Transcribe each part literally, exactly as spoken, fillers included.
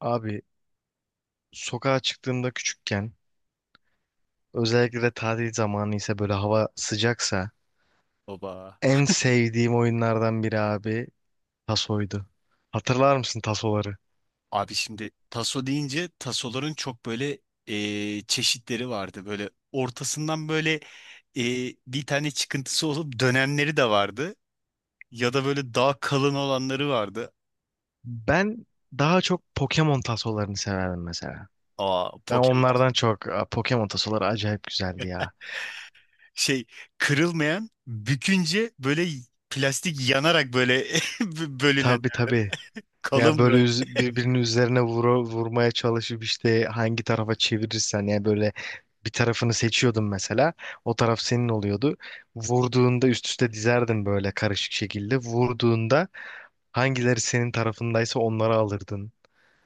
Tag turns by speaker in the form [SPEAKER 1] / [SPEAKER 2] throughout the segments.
[SPEAKER 1] Abi sokağa çıktığımda küçükken özellikle de tatil zamanı ise böyle hava sıcaksa
[SPEAKER 2] Baba.
[SPEAKER 1] en sevdiğim oyunlardan biri abi tasoydu. Hatırlar mısın tasoları?
[SPEAKER 2] Abi şimdi taso deyince tasoların çok böyle e, çeşitleri vardı. Böyle ortasından böyle e, bir tane çıkıntısı olup dönenleri de vardı. Ya da böyle daha kalın olanları vardı.
[SPEAKER 1] Ben daha çok Pokemon tasolarını severdim mesela.
[SPEAKER 2] Aa,
[SPEAKER 1] Ben
[SPEAKER 2] Pokemon.
[SPEAKER 1] onlardan çok Aa, Pokemon tasoları acayip güzeldi ya.
[SPEAKER 2] Şey, kırılmayan bükünce böyle plastik yanarak böyle
[SPEAKER 1] Tabii
[SPEAKER 2] bölünenlerden.
[SPEAKER 1] tabii. Ya
[SPEAKER 2] Kalın
[SPEAKER 1] böyle
[SPEAKER 2] böyle.
[SPEAKER 1] üz- birbirinin üzerine vura, vurmaya çalışıp işte hangi tarafa çevirirsen yani böyle bir tarafını seçiyordun mesela o taraf senin oluyordu. Vurduğunda üst üste dizerdin böyle karışık şekilde. Vurduğunda hangileri senin tarafındaysa onları alırdın.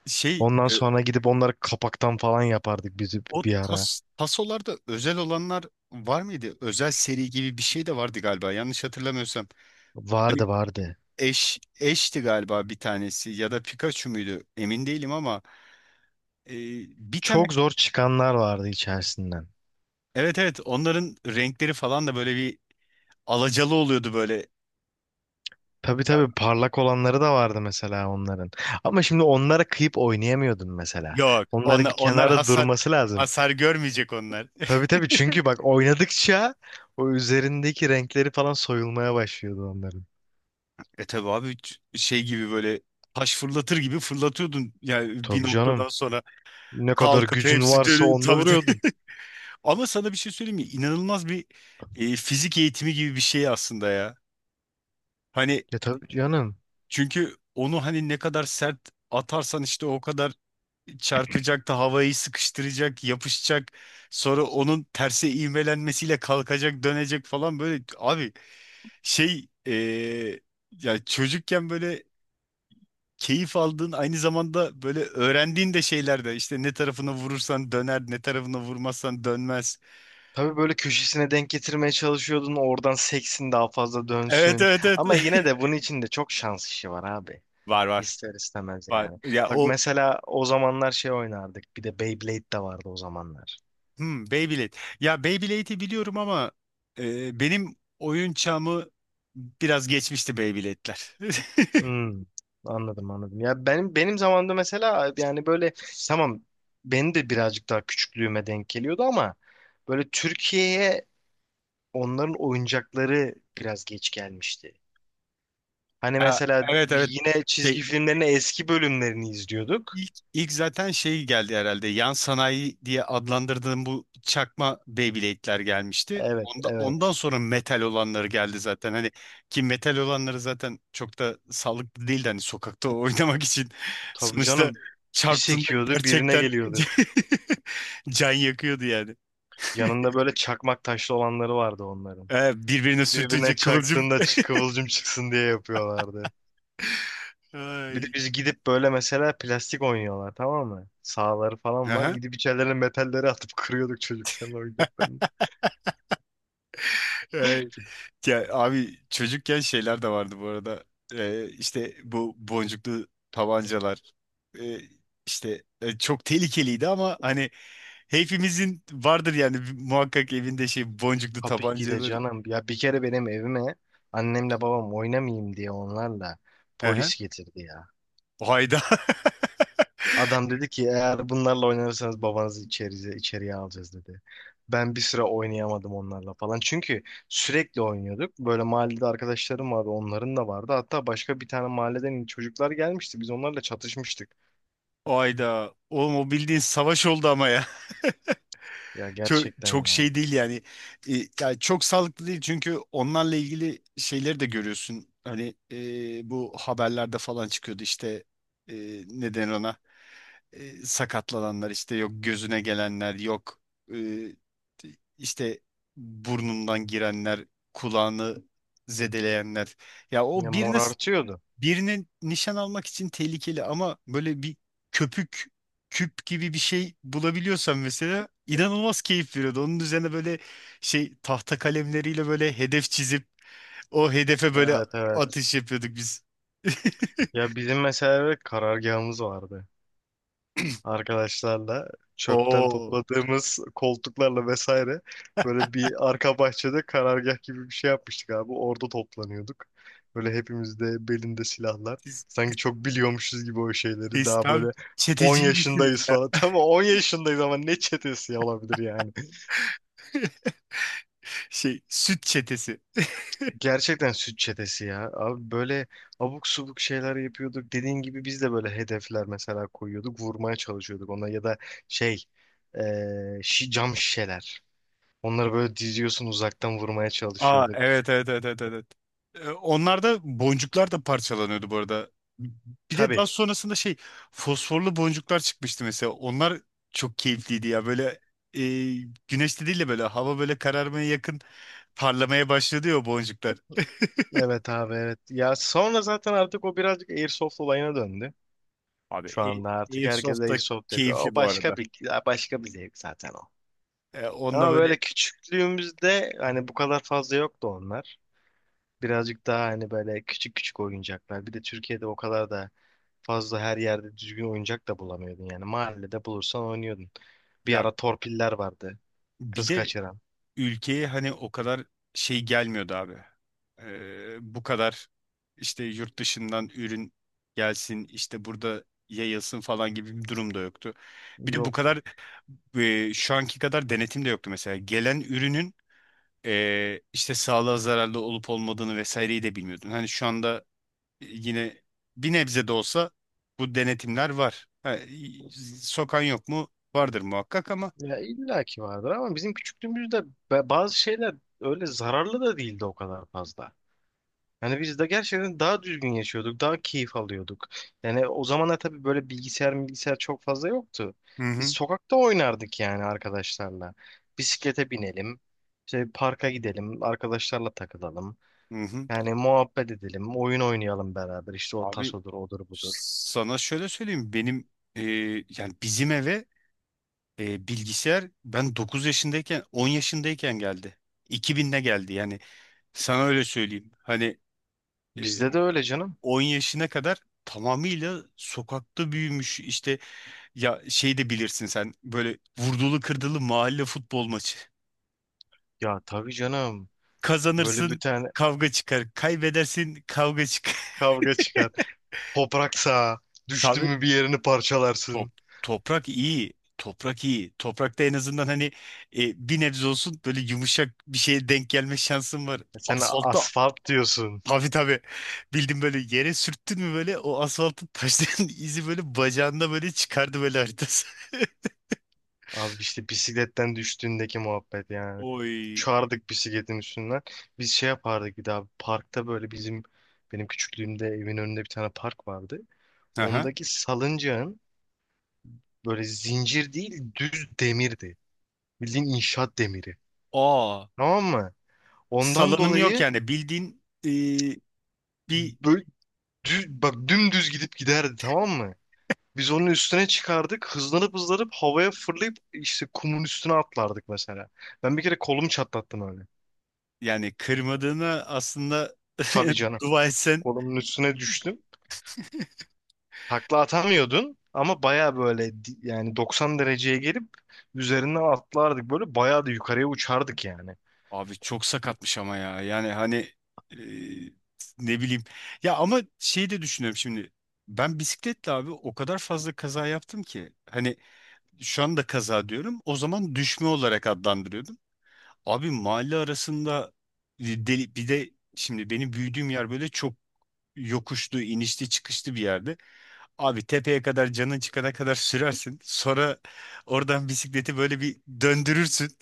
[SPEAKER 2] Şey,
[SPEAKER 1] Ondan
[SPEAKER 2] e,
[SPEAKER 1] sonra gidip onları kapaktan falan yapardık biz
[SPEAKER 2] o
[SPEAKER 1] bir ara.
[SPEAKER 2] tas, tasolarda özel olanlar var mıydı? Özel seri gibi bir şey de vardı galiba, yanlış hatırlamıyorsam. Hani,
[SPEAKER 1] Vardı vardı.
[SPEAKER 2] Eş, eşti galiba bir tanesi ya da Pikachu muydu emin değilim ama e, bir tane.
[SPEAKER 1] Çok zor çıkanlar vardı içerisinden.
[SPEAKER 2] Evet, evet, onların renkleri falan da böyle bir alacalı oluyordu böyle
[SPEAKER 1] Tabii tabii,
[SPEAKER 2] galiba.
[SPEAKER 1] parlak olanları da vardı mesela onların. Ama şimdi onlara kıyıp oynayamıyordun mesela.
[SPEAKER 2] Yok,
[SPEAKER 1] Onları
[SPEAKER 2] onlar,
[SPEAKER 1] bir
[SPEAKER 2] onlar
[SPEAKER 1] kenara
[SPEAKER 2] hasar
[SPEAKER 1] durması lazım.
[SPEAKER 2] hasar görmeyecek onlar.
[SPEAKER 1] Tabii tabii, çünkü bak oynadıkça o üzerindeki renkleri falan soyulmaya başlıyordu onların.
[SPEAKER 2] E tabi abi, ç- şey gibi böyle taş fırlatır gibi fırlatıyordun yani bir
[SPEAKER 1] Tabii canım.
[SPEAKER 2] noktadan sonra
[SPEAKER 1] Ne kadar
[SPEAKER 2] kalkıp
[SPEAKER 1] gücün
[SPEAKER 2] hepsi
[SPEAKER 1] varsa
[SPEAKER 2] dönüyor
[SPEAKER 1] onunla
[SPEAKER 2] tabii de.
[SPEAKER 1] vuruyordun.
[SPEAKER 2] Ama sana bir şey söyleyeyim mi? İnanılmaz bir e, fizik eğitimi gibi bir şey aslında ya. Hani,
[SPEAKER 1] Ya tabii canım.
[SPEAKER 2] çünkü onu hani ne kadar sert atarsan işte o kadar çarpacak da havayı sıkıştıracak, yapışacak. Sonra onun terse ivmelenmesiyle kalkacak, dönecek falan böyle. Abi şey, eee, ya çocukken böyle keyif aldığın aynı zamanda böyle öğrendiğin de şeyler de işte ne tarafına vurursan döner, ne tarafına vurmazsan dönmez.
[SPEAKER 1] Tabii böyle köşesine denk getirmeye çalışıyordun. Oradan seksin daha fazla
[SPEAKER 2] Evet,
[SPEAKER 1] dönsün.
[SPEAKER 2] evet, evet.
[SPEAKER 1] Ama yine de bunun için de çok şans işi var abi.
[SPEAKER 2] Var, var.
[SPEAKER 1] İster istemez
[SPEAKER 2] Var.
[SPEAKER 1] yani.
[SPEAKER 2] Ya
[SPEAKER 1] Bak
[SPEAKER 2] o.
[SPEAKER 1] mesela o zamanlar şey oynardık. Bir de Beyblade de vardı o zamanlar.
[SPEAKER 2] Hmm, Beyblade. Ya Beyblade'i biliyorum ama e, benim oyun çağımı biraz geçmişti Beyblade'ler.
[SPEAKER 1] Hmm, anladım anladım. Ya benim benim zamanımda mesela yani böyle tamam beni de birazcık daha küçüklüğüme denk geliyordu ama böyle Türkiye'ye onların oyuncakları biraz geç gelmişti. Hani
[SPEAKER 2] Ha,
[SPEAKER 1] mesela
[SPEAKER 2] evet, evet.
[SPEAKER 1] yine
[SPEAKER 2] Şey,
[SPEAKER 1] çizgi filmlerin eski bölümlerini izliyorduk.
[SPEAKER 2] ilk ilk zaten şey geldi herhalde. Yan sanayi diye adlandırdığım bu çakma Beyblade'ler gelmişti.
[SPEAKER 1] Evet
[SPEAKER 2] Onda, ondan
[SPEAKER 1] evet.
[SPEAKER 2] sonra metal olanları geldi zaten. Hani ki metal olanları zaten çok da sağlıklı değildi hani sokakta oynamak için.
[SPEAKER 1] Tabii
[SPEAKER 2] Sonuçta
[SPEAKER 1] canım, bir
[SPEAKER 2] çarptığında
[SPEAKER 1] sekiyordu birine
[SPEAKER 2] gerçekten
[SPEAKER 1] geliyordu.
[SPEAKER 2] can yakıyordu yani.
[SPEAKER 1] Yanında böyle çakmak taşlı olanları vardı onların.
[SPEAKER 2] Ee, birbirine
[SPEAKER 1] Birbirine
[SPEAKER 2] sürtünce kıvılcım.
[SPEAKER 1] çaktığında çı- kıvılcım çıksın diye yapıyorlardı. Bir de
[SPEAKER 2] Ay.
[SPEAKER 1] biz gidip böyle mesela plastik oynuyorlar tamam mı? Sahaları falan var.
[SPEAKER 2] Aha.
[SPEAKER 1] Gidip içerilerine metalleri atıp kırıyorduk çocukların oyuncaklarını.
[SPEAKER 2] Ay. Ya, abi çocukken şeyler de vardı bu arada. Ee, işte bu boncuklu tabancalar. Ee, işte e, çok tehlikeliydi ama hani hepimizin vardır yani muhakkak evinde şey boncuklu
[SPEAKER 1] Tabii ki de
[SPEAKER 2] tabancaları.
[SPEAKER 1] canım. Ya bir kere benim evime annemle babam oynamayayım diye onlarla
[SPEAKER 2] Aha.
[SPEAKER 1] polis getirdi ya.
[SPEAKER 2] Hayda.
[SPEAKER 1] Adam dedi ki eğer bunlarla oynarsanız babanızı içeriye, içeriye alacağız dedi. Ben bir süre oynayamadım onlarla falan. Çünkü sürekli oynuyorduk. Böyle mahallede arkadaşlarım vardı, onların da vardı. Hatta başka bir tane mahalleden çocuklar gelmişti. Biz onlarla çatışmıştık.
[SPEAKER 2] Hayda. Oğlum, o bildiğin savaş oldu ama ya.
[SPEAKER 1] Ya
[SPEAKER 2] Çok,
[SPEAKER 1] gerçekten
[SPEAKER 2] çok
[SPEAKER 1] ya.
[SPEAKER 2] şey değil yani. E, Yani çok sağlıklı değil çünkü onlarla ilgili şeyleri de görüyorsun. Hani e, bu haberlerde falan çıkıyordu işte e, neden ona. E, sakatlananlar işte, yok gözüne gelenler, yok e, işte burnundan girenler, kulağını zedeleyenler. Ya
[SPEAKER 1] Ya
[SPEAKER 2] o birine
[SPEAKER 1] morartıyordu.
[SPEAKER 2] birine nişan almak için tehlikeli ama böyle bir köpük küp gibi bir şey bulabiliyorsan mesela inanılmaz keyif veriyordu. Onun üzerine böyle şey tahta kalemleriyle böyle hedef çizip o hedefe böyle
[SPEAKER 1] Evet evet.
[SPEAKER 2] atış yapıyorduk biz.
[SPEAKER 1] Ya bizim mesela evet, karargahımız vardı. Arkadaşlarla çöpten
[SPEAKER 2] Oo,
[SPEAKER 1] topladığımız koltuklarla vesaire böyle bir arka bahçede karargah gibi bir şey yapmıştık abi. Orada toplanıyorduk. Böyle hepimiz de belinde silahlar.
[SPEAKER 2] siz,
[SPEAKER 1] Sanki çok biliyormuşuz gibi o şeyleri.
[SPEAKER 2] siz
[SPEAKER 1] Daha
[SPEAKER 2] tam
[SPEAKER 1] böyle on
[SPEAKER 2] çeteci misiniz
[SPEAKER 1] yaşındayız falan.
[SPEAKER 2] ya?
[SPEAKER 1] Tamam on yaşındayız ama ne çetesi olabilir yani.
[SPEAKER 2] Şey, süt çetesi.
[SPEAKER 1] Gerçekten süt çetesi ya. Abi böyle abuk subuk şeyler yapıyorduk. Dediğin gibi biz de böyle hedefler mesela koyuyorduk. Vurmaya çalışıyorduk ona ya da şey eee, şi- cam şişeler. Onları böyle diziyorsun uzaktan vurmaya
[SPEAKER 2] Aa,
[SPEAKER 1] çalışıyorduk.
[SPEAKER 2] evet, evet, evet, evet, evet. Ee, Onlar da boncuklar da parçalanıyordu bu arada. Bir de
[SPEAKER 1] Tabii.
[SPEAKER 2] daha sonrasında şey fosforlu boncuklar çıkmıştı mesela. Onlar çok keyifliydi ya, böyle e, güneşli değil de böyle hava böyle kararmaya yakın parlamaya başladı ya o boncuklar.
[SPEAKER 1] Evet abi evet. Ya sonra zaten artık o birazcık Airsoft olayına döndü.
[SPEAKER 2] Abi,
[SPEAKER 1] Şu
[SPEAKER 2] A-
[SPEAKER 1] anda artık herkes
[SPEAKER 2] Airsoft da
[SPEAKER 1] Airsoft yapıyor. O
[SPEAKER 2] keyifli bu
[SPEAKER 1] başka
[SPEAKER 2] arada.
[SPEAKER 1] bir başka bir zevk zaten o.
[SPEAKER 2] Ee, onunla
[SPEAKER 1] Ama
[SPEAKER 2] böyle,
[SPEAKER 1] böyle küçüklüğümüzde hani bu kadar fazla yoktu onlar. Birazcık daha hani böyle küçük küçük oyuncaklar. Bir de Türkiye'de o kadar da fazla her yerde düzgün oyuncak da bulamıyordun yani. Mahallede bulursan oynuyordun. Bir
[SPEAKER 2] ya
[SPEAKER 1] ara torpiller vardı.
[SPEAKER 2] bir
[SPEAKER 1] Kız
[SPEAKER 2] de
[SPEAKER 1] kaçıran.
[SPEAKER 2] ülkeye hani o kadar şey gelmiyordu abi. Ee, bu kadar işte yurt dışından ürün gelsin işte burada yayılsın falan gibi bir durum da yoktu. Bir de bu
[SPEAKER 1] Yoktu.
[SPEAKER 2] kadar e, şu anki kadar denetim de yoktu mesela. Gelen ürünün e, işte sağlığa zararlı olup olmadığını vesaireyi de bilmiyordun. Hani şu anda yine bir nebze de olsa bu denetimler var. Ha, y- sokan yok mu? Vardır muhakkak ama.
[SPEAKER 1] Ya illa ki vardır ama bizim küçüklüğümüzde be- bazı şeyler öyle zararlı da değildi o kadar fazla. Yani biz de gerçekten daha düzgün yaşıyorduk, daha keyif alıyorduk. Yani o zamanlar tabii böyle bilgisayar bilgisayar çok fazla yoktu.
[SPEAKER 2] Hı
[SPEAKER 1] Biz
[SPEAKER 2] hı.
[SPEAKER 1] sokakta oynardık yani arkadaşlarla. Bisiklete binelim, işte parka gidelim, arkadaşlarla takılalım.
[SPEAKER 2] Hı hı.
[SPEAKER 1] Yani muhabbet edelim, oyun oynayalım beraber. İşte o
[SPEAKER 2] Abi,
[SPEAKER 1] tasodur, odur budur.
[SPEAKER 2] sana şöyle söyleyeyim, benim e, yani bizim eve e, bilgisayar ben dokuz yaşındayken, on yaşındayken geldi. iki binde geldi yani, sana öyle söyleyeyim. Hani e,
[SPEAKER 1] Bizde de öyle canım.
[SPEAKER 2] on yaşına kadar tamamıyla sokakta büyümüş işte, ya şey de bilirsin sen, böyle vurdulu kırdılı mahalle futbol maçı.
[SPEAKER 1] Ya tabii canım. Böyle bir
[SPEAKER 2] Kazanırsın,
[SPEAKER 1] tane
[SPEAKER 2] kavga çıkar, kaybedersin, kavga çıkar.
[SPEAKER 1] kavga çıkar. Toprak sağ. Düştün
[SPEAKER 2] Tabii.
[SPEAKER 1] mü bir yerini
[SPEAKER 2] Top,
[SPEAKER 1] parçalarsın.
[SPEAKER 2] toprak iyi. Toprak iyi. Toprakta en azından hani e, bir nebze olsun böyle yumuşak bir şeye denk gelme şansın var.
[SPEAKER 1] Ya, sen
[SPEAKER 2] Asfaltta,
[SPEAKER 1] asfalt diyorsun.
[SPEAKER 2] tabii, tabii. Bildim, böyle yere sürttün mü böyle o asfaltın taşların izi böyle bacağında böyle çıkardı böyle, haritası.
[SPEAKER 1] Abi işte bisikletten düştüğündeki muhabbet yani.
[SPEAKER 2] Oy.
[SPEAKER 1] Çağırdık bisikletin üstünden. Biz şey yapardık bir daha. Parkta böyle bizim benim küçüklüğümde evin önünde bir tane park vardı.
[SPEAKER 2] Aha.
[SPEAKER 1] Ondaki salıncağın böyle zincir değil düz demirdi. Bildiğin inşaat demiri.
[SPEAKER 2] Aa.
[SPEAKER 1] Tamam mı? Ondan
[SPEAKER 2] Salanım yok
[SPEAKER 1] dolayı
[SPEAKER 2] yani, bildiğin e, bir
[SPEAKER 1] böyle düz, bak dümdüz gidip giderdi tamam mı? Biz onun üstüne çıkardık. Hızlanıp hızlanıp havaya fırlayıp işte kumun üstüne atlardık mesela. Ben bir kere kolumu çatlattım öyle.
[SPEAKER 2] yani, kırmadığına aslında
[SPEAKER 1] Tabii canım.
[SPEAKER 2] dua etsen.
[SPEAKER 1] Kolumun üstüne düştüm. Takla atamıyordun ama baya böyle di- yani doksan dereceye gelip üzerinden atlardık. Böyle baya da yukarıya uçardık yani.
[SPEAKER 2] Abi çok sakatmış ama ya. Yani hani e, ne bileyim. Ya ama şeyi de düşünüyorum şimdi. Ben bisikletle abi o kadar fazla kaza yaptım ki. Hani şu anda kaza diyorum. O zaman düşme olarak adlandırıyordum. Abi mahalle arasında e, deli, bir de şimdi benim büyüdüğüm yer böyle çok yokuşlu, inişli, çıkışlı bir yerde. Abi tepeye kadar canın çıkana kadar sürersin. Sonra oradan bisikleti böyle bir döndürürsün.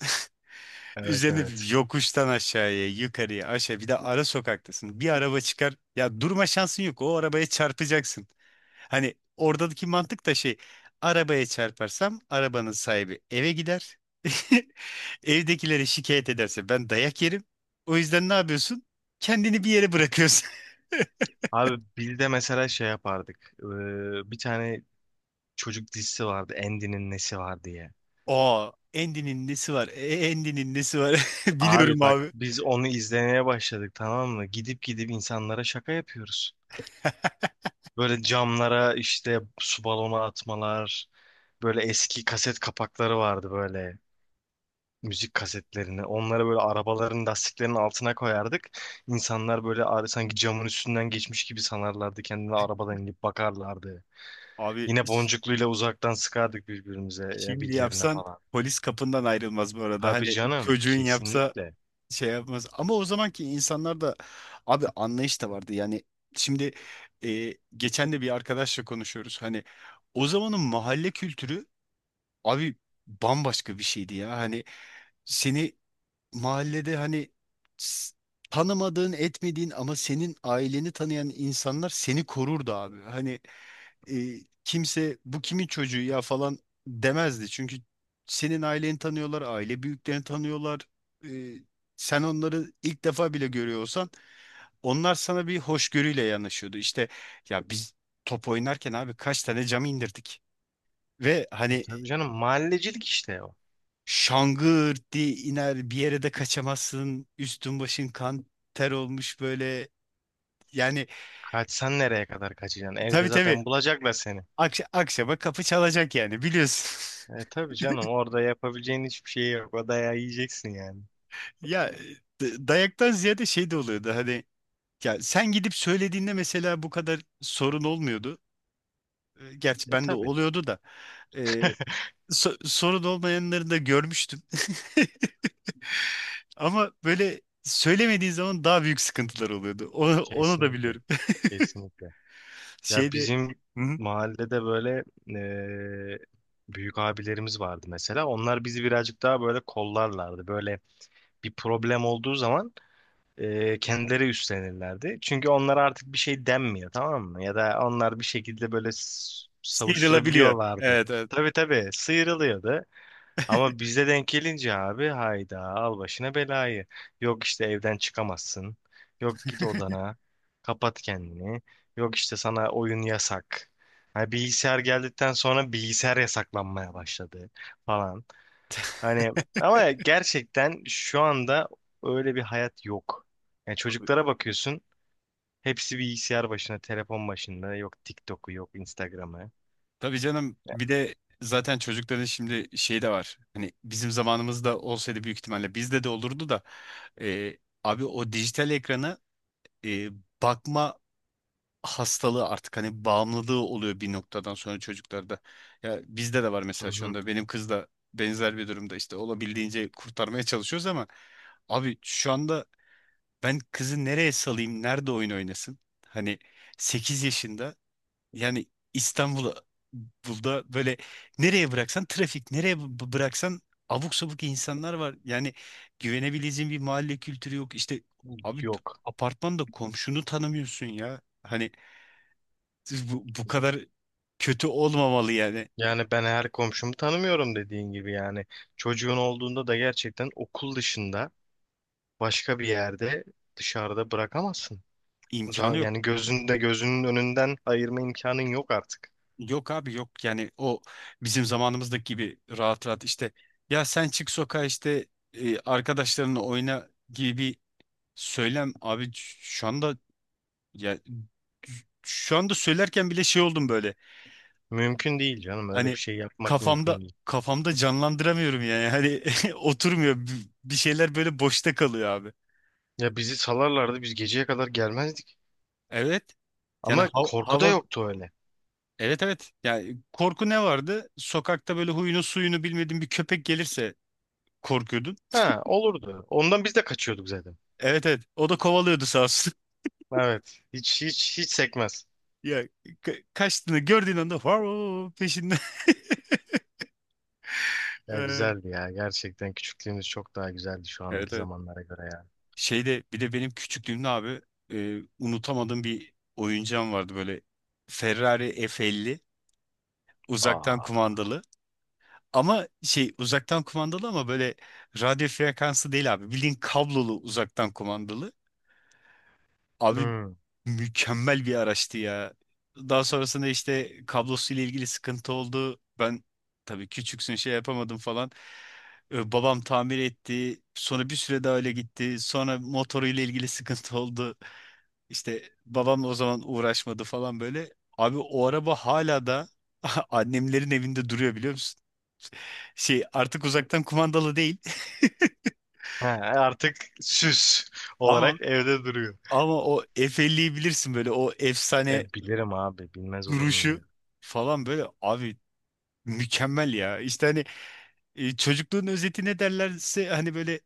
[SPEAKER 1] Evet
[SPEAKER 2] Üzerine
[SPEAKER 1] evet.
[SPEAKER 2] yokuştan aşağıya, yukarıya, aşağı, bir de ara sokaktasın. Bir araba çıkar. Ya, durma şansın yok. O arabaya çarpacaksın. Hani oradaki mantık da şey. Arabaya çarparsam arabanın sahibi eve gider. Evdekileri şikayet ederse ben dayak yerim. O yüzden ne yapıyorsun? Kendini bir yere bırakıyorsun.
[SPEAKER 1] Abi Bill'de mesela şey yapardık. Ee, bir tane çocuk dizisi vardı. Andy'nin nesi var diye.
[SPEAKER 2] Aa, Andy'nin nesi var? E, Andy'nin nesi var?
[SPEAKER 1] Abi
[SPEAKER 2] Biliyorum
[SPEAKER 1] bak
[SPEAKER 2] abi.
[SPEAKER 1] biz onu izlemeye başladık tamam mı? Gidip gidip insanlara şaka yapıyoruz. Böyle camlara işte su balonu atmalar. Böyle eski kaset kapakları vardı böyle müzik kasetlerini. Onları böyle arabaların lastiklerinin altına koyardık. İnsanlar böyle ar- sanki camın üstünden geçmiş gibi sanarlardı. Kendine arabadan inip bakarlardı.
[SPEAKER 2] Abi,
[SPEAKER 1] Yine
[SPEAKER 2] ş-
[SPEAKER 1] boncukluyla uzaktan sıkardık birbirimize, ya
[SPEAKER 2] şimdi
[SPEAKER 1] birilerine
[SPEAKER 2] yapsan
[SPEAKER 1] falan.
[SPEAKER 2] polis kapından ayrılmaz bu arada.
[SPEAKER 1] Tabii
[SPEAKER 2] Hani
[SPEAKER 1] canım,
[SPEAKER 2] çocuğun yapsa
[SPEAKER 1] kesinlikle.
[SPEAKER 2] şey yapmaz. Ama o zamanki insanlar da abi, anlayış da vardı. Yani şimdi, e, geçen de bir arkadaşla konuşuyoruz. Hani o zamanın mahalle kültürü abi bambaşka bir şeydi ya. Hani seni mahallede hani, s- tanımadığın etmediğin ama senin aileni tanıyan insanlar seni korurdu abi. Hani e, kimse bu kimin çocuğu ya falan demezdi. Çünkü senin aileni tanıyorlar, aile büyüklerini tanıyorlar. E, Sen onları ilk defa bile görüyorsan onlar sana bir hoşgörüyle yanaşıyordu. İşte ya biz top oynarken abi kaç tane cam indirdik. Ve
[SPEAKER 1] E,
[SPEAKER 2] hani
[SPEAKER 1] tabii canım, mahallecilik işte o.
[SPEAKER 2] şangır diye iner, bir yere de kaçamazsın. Üstün başın kan ter olmuş böyle. Yani
[SPEAKER 1] Kaçsan nereye kadar kaçacaksın? Evde
[SPEAKER 2] tabii, tabii
[SPEAKER 1] zaten bulacaklar seni.
[SPEAKER 2] akş- akşama kapı çalacak yani, biliyorsun.
[SPEAKER 1] E tabii canım, orada yapabileceğin hiçbir şey yok. O dayağı yiyeceksin yani.
[SPEAKER 2] Ya, d- dayaktan ziyade şey de oluyordu hani, ya sen gidip söylediğinde mesela bu kadar sorun olmuyordu. E, Gerçi
[SPEAKER 1] E
[SPEAKER 2] ben de
[SPEAKER 1] tabii.
[SPEAKER 2] oluyordu da, e, so- sorun olmayanları da görmüştüm. Ama böyle söylemediğin zaman daha büyük sıkıntılar oluyordu. Onu, onu da
[SPEAKER 1] Kesinlikle.
[SPEAKER 2] biliyorum.
[SPEAKER 1] Kesinlikle. Ya
[SPEAKER 2] Şeyde.
[SPEAKER 1] bizim
[SPEAKER 2] Hı-hı.
[SPEAKER 1] mahallede böyle eee, büyük abilerimiz vardı mesela. Onlar bizi birazcık daha böyle kollarlardı. Böyle bir problem olduğu zaman eee, kendileri üstlenirlerdi. Çünkü onlara artık bir şey denmiyor tamam mı? Ya da onlar bir şekilde böyle s-
[SPEAKER 2] Sıyrılabiliyor.
[SPEAKER 1] savuşturabiliyorlardı.
[SPEAKER 2] Evet, evet.
[SPEAKER 1] Tabii tabii, sıyrılıyordu. Ama bize denk gelince abi hayda al başına belayı. Yok işte evden çıkamazsın. Yok git odana. Kapat kendini. Yok işte sana oyun yasak. Hani bilgisayar geldikten sonra bilgisayar yasaklanmaya başladı falan. Hani ama gerçekten şu anda öyle bir hayat yok. Yani
[SPEAKER 2] Tabii,
[SPEAKER 1] çocuklara bakıyorsun. Hepsi bilgisayar başında, telefon başında. Yok TikTok'u, yok Instagram'ı.
[SPEAKER 2] tabii canım, bir de zaten çocukların şimdi şey de var. Hani bizim zamanımızda olsaydı büyük ihtimalle bizde de olurdu da, e, abi o dijital ekrana e, bakma hastalığı artık, hani bağımlılığı oluyor bir noktadan sonra çocuklarda. Ya bizde de var
[SPEAKER 1] Hı
[SPEAKER 2] mesela, şu
[SPEAKER 1] hı.
[SPEAKER 2] anda benim kız da benzer bir durumda, işte olabildiğince kurtarmaya çalışıyoruz ama abi şu anda ben kızı nereye salayım, nerede oyun oynasın? Hani sekiz yaşında yani, İstanbul'da Bulda böyle, nereye bıraksan trafik, nereye b- bıraksan abuk sabuk insanlar var. Yani güvenebileceğin bir mahalle kültürü yok. İşte abi,
[SPEAKER 1] Yok.
[SPEAKER 2] apartmanda komşunu tanımıyorsun ya. Hani, siz bu, bu kadar kötü olmamalı yani.
[SPEAKER 1] Yani ben her komşumu tanımıyorum dediğin gibi yani. Çocuğun olduğunda da gerçekten okul dışında başka bir yerde dışarıda bırakamazsın. Uza-
[SPEAKER 2] İmkanı yok.
[SPEAKER 1] Yani gözünde gözünün önünden ayırma imkanın yok artık.
[SPEAKER 2] Yok abi, yok. Yani o bizim zamanımızdaki gibi rahat rahat işte, ya sen çık sokağa işte, e, arkadaşlarınla oyna gibi bir söylem abi şu anda. Ya, şu anda söylerken bile şey oldum böyle.
[SPEAKER 1] Mümkün değil canım, öyle bir
[SPEAKER 2] Hani
[SPEAKER 1] şey yapmak
[SPEAKER 2] kafamda
[SPEAKER 1] mümkün değil.
[SPEAKER 2] kafamda canlandıramıyorum yani. Hani oturmuyor. B- Bir şeyler böyle boşta kalıyor abi.
[SPEAKER 1] Ya bizi salarlardı, biz geceye kadar gelmezdik.
[SPEAKER 2] Evet. Yani
[SPEAKER 1] Ama
[SPEAKER 2] hav-
[SPEAKER 1] korku da
[SPEAKER 2] hava
[SPEAKER 1] yoktu öyle.
[SPEAKER 2] evet, evet. Yani, korku ne vardı? Sokakta böyle huyunu suyunu bilmediğin bir köpek gelirse korkuyordun.
[SPEAKER 1] Ha olurdu. Ondan biz de kaçıyorduk zaten.
[SPEAKER 2] Evet, evet. O da kovalıyordu sağ olsun.
[SPEAKER 1] Evet, hiç hiç hiç sekmez.
[SPEAKER 2] Ya, ka- kaçtığını gördüğün anda var o peşinde.
[SPEAKER 1] Ya
[SPEAKER 2] Evet,
[SPEAKER 1] güzeldi ya, gerçekten küçüklüğümüz çok daha güzeldi şu andaki
[SPEAKER 2] evet.
[SPEAKER 1] zamanlara göre ya.
[SPEAKER 2] Şeyde bir de benim küçüklüğümde abi, e, unutamadığım bir oyuncağım vardı böyle, Ferrari F elli, uzaktan
[SPEAKER 1] Aa.
[SPEAKER 2] kumandalı. Ama şey, uzaktan kumandalı ama böyle radyo frekansı değil abi. Bildiğin kablolu uzaktan kumandalı. Abi
[SPEAKER 1] Hmm.
[SPEAKER 2] mükemmel bir araçtı ya. Daha sonrasında işte kablosuyla ilgili sıkıntı oldu. Ben, tabii küçüksün, şey yapamadım falan. E, babam tamir etti. Sonra bir süre daha öyle gitti. Sonra motoruyla ilgili sıkıntı oldu. İşte babam o zaman uğraşmadı falan böyle. Abi o araba hala da annemlerin evinde duruyor, biliyor musun? Şey, artık uzaktan kumandalı değil
[SPEAKER 1] Ha, artık süs
[SPEAKER 2] ama
[SPEAKER 1] olarak evde duruyor.
[SPEAKER 2] ama o F elliyi bilirsin, böyle o
[SPEAKER 1] E,
[SPEAKER 2] efsane
[SPEAKER 1] bilirim abi, bilmez olur muyum ya?
[SPEAKER 2] duruşu falan, böyle abi mükemmel ya. İşte hani e, çocukluğun özeti ne derlerse hani, böyle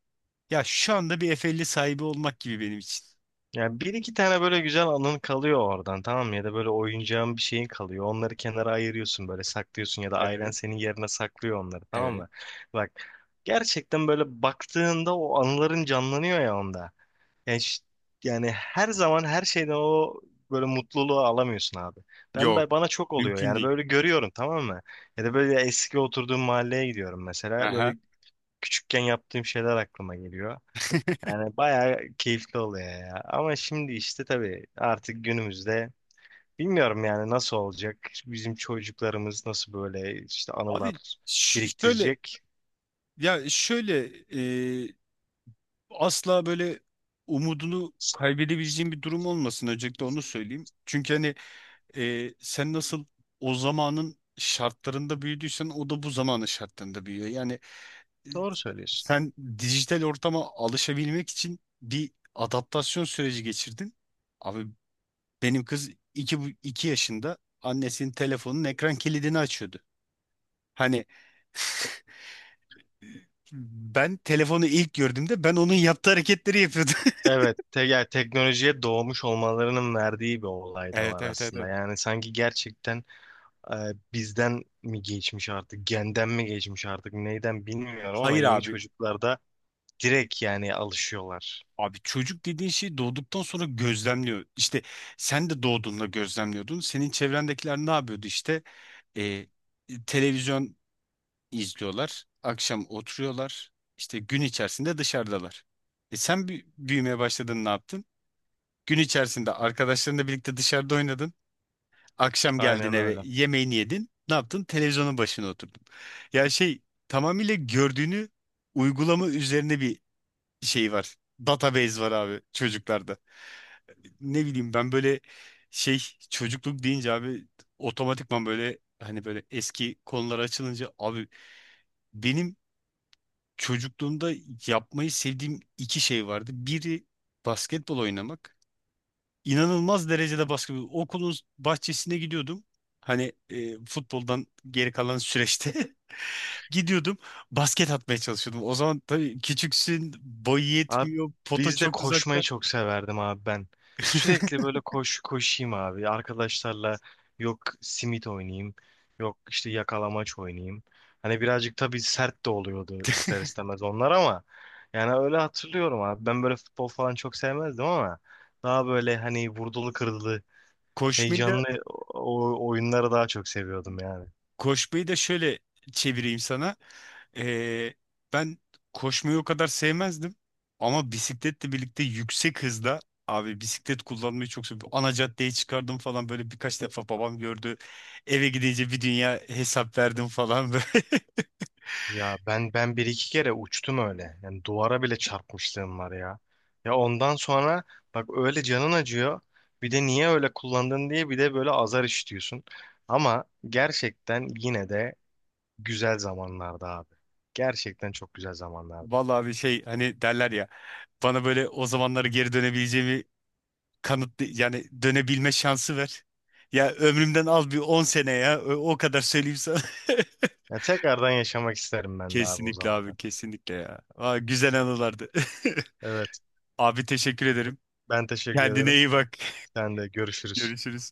[SPEAKER 2] ya şu anda bir F elli sahibi olmak gibi benim için.
[SPEAKER 1] Yani bir iki tane böyle güzel anın kalıyor oradan tamam mı? Ya da böyle oyuncağın bir şeyin kalıyor. Onları kenara ayırıyorsun böyle saklıyorsun ya da ailen
[SPEAKER 2] Evet,
[SPEAKER 1] senin yerine saklıyor onları tamam
[SPEAKER 2] evet.
[SPEAKER 1] mı? Bak, gerçekten böyle baktığında o anıların canlanıyor ya onda. Yani, ş- yani her zaman her şeyden o böyle mutluluğu alamıyorsun abi. Ben
[SPEAKER 2] Yok.
[SPEAKER 1] ben- bana çok oluyor
[SPEAKER 2] Mümkün
[SPEAKER 1] yani
[SPEAKER 2] değil.
[SPEAKER 1] böyle görüyorum tamam mı? Ya da böyle eski oturduğum mahalleye gidiyorum mesela.
[SPEAKER 2] Aha.
[SPEAKER 1] Böyle küçükken yaptığım şeyler aklıma geliyor. Yani bayağı keyifli oluyor ya. Ama şimdi işte tabii artık günümüzde bilmiyorum yani nasıl olacak. Bizim çocuklarımız nasıl böyle işte
[SPEAKER 2] Abi,
[SPEAKER 1] anılar
[SPEAKER 2] ş- şöyle
[SPEAKER 1] biriktirecek.
[SPEAKER 2] ya şöyle e, asla böyle umudunu kaybedebileceğin bir durum olmasın. Öncelikle onu söyleyeyim. Çünkü hani e, sen nasıl o zamanın şartlarında büyüdüysen o da bu zamanın şartlarında büyüyor. Yani e,
[SPEAKER 1] Doğru söylüyorsun.
[SPEAKER 2] sen dijital ortama alışabilmek için bir adaptasyon süreci geçirdin. Abi benim kız iki, bu- iki yaşında annesinin telefonun ekran kilidini açıyordu. Hani ben telefonu ilk gördüğümde ben onun yaptığı hareketleri yapıyordum.
[SPEAKER 1] Evet, te yani teknolojiye doğmuş olmalarının verdiği bir olay da
[SPEAKER 2] Evet,
[SPEAKER 1] var
[SPEAKER 2] evet, evet.
[SPEAKER 1] aslında.
[SPEAKER 2] Evet.
[SPEAKER 1] Yani sanki gerçekten e, bizden mi geçmiş artık, genden mi geçmiş artık, neyden bilmiyorum ama
[SPEAKER 2] Hayır
[SPEAKER 1] yeni
[SPEAKER 2] abi.
[SPEAKER 1] çocuklarda direkt yani alışıyorlar.
[SPEAKER 2] Abi, çocuk dediğin şeyi doğduktan sonra gözlemliyor. İşte sen de doğduğunda gözlemliyordun. Senin çevrendekiler ne yapıyordu işte? Ee, Televizyon izliyorlar. Akşam oturuyorlar. İşte gün içerisinde dışarıdalar. E, sen bü- büyümeye başladın, ne yaptın? Gün içerisinde arkadaşlarınla birlikte dışarıda oynadın. Akşam geldin
[SPEAKER 1] Aynen
[SPEAKER 2] eve,
[SPEAKER 1] öyle.
[SPEAKER 2] yemeğini yedin. Ne yaptın? Televizyonun başına oturdun. Ya şey, tamamıyla gördüğünü uygulama üzerine bir şey var. Database var abi, çocuklarda ne bileyim ben, böyle şey, çocukluk deyince abi otomatikman böyle, hani böyle eski konular açılınca abi, benim çocukluğumda yapmayı sevdiğim iki şey vardı. Biri basketbol oynamak. İnanılmaz derecede basketbol. Okulun bahçesine gidiyordum. Hani e, futboldan geri kalan süreçte gidiyordum. Basket atmaya çalışıyordum. O zaman tabii küçüksün, boyu
[SPEAKER 1] Abi
[SPEAKER 2] yetmiyor, pota
[SPEAKER 1] biz de
[SPEAKER 2] çok
[SPEAKER 1] koşmayı
[SPEAKER 2] uzakta.
[SPEAKER 1] çok severdim abi ben. Sürekli böyle koş koşayım abi. Arkadaşlarla yok simit oynayayım. Yok işte yakalamaç oynayayım. Hani birazcık tabii sert de oluyordu ister istemez onlar ama yani öyle hatırlıyorum abi. Ben böyle futbol falan çok sevmezdim ama daha böyle hani vurdulu kırdılı
[SPEAKER 2] Koşmayı da
[SPEAKER 1] heyecanlı o o- oyunları daha çok seviyordum yani.
[SPEAKER 2] koşmayı da şöyle çevireyim sana. Ee, Ben koşmayı o kadar sevmezdim. Ama bisikletle birlikte yüksek hızda abi, bisiklet kullanmayı çok seviyorum. Ana caddeye çıkardım falan böyle, birkaç defa babam gördü. Eve gidince bir dünya hesap verdim falan böyle.
[SPEAKER 1] Ya ben ben bir iki kere uçtum öyle. Yani duvara bile çarpmışlığım var ya. Ya ondan sonra bak öyle canın acıyor. Bir de niye öyle kullandın diye bir de böyle azar işitiyorsun. Ama gerçekten yine de güzel zamanlardı abi. Gerçekten çok güzel zamanlardı.
[SPEAKER 2] Vallahi bir şey, hani derler ya, bana böyle o zamanlara geri dönebileceğimi kanıt, yani dönebilme şansı ver. Ya ömrümden al bir on sene ya. Ö- O kadar söyleyeyim sana.
[SPEAKER 1] Ya tekrardan yaşamak isterim ben de abi o
[SPEAKER 2] Kesinlikle
[SPEAKER 1] zamanlar.
[SPEAKER 2] abi, kesinlikle ya. Aa, güzel anılardı.
[SPEAKER 1] Evet,
[SPEAKER 2] Abi, teşekkür ederim.
[SPEAKER 1] ben teşekkür
[SPEAKER 2] Kendine
[SPEAKER 1] ederim.
[SPEAKER 2] iyi bak.
[SPEAKER 1] Sen de görüşürüz.
[SPEAKER 2] Görüşürüz.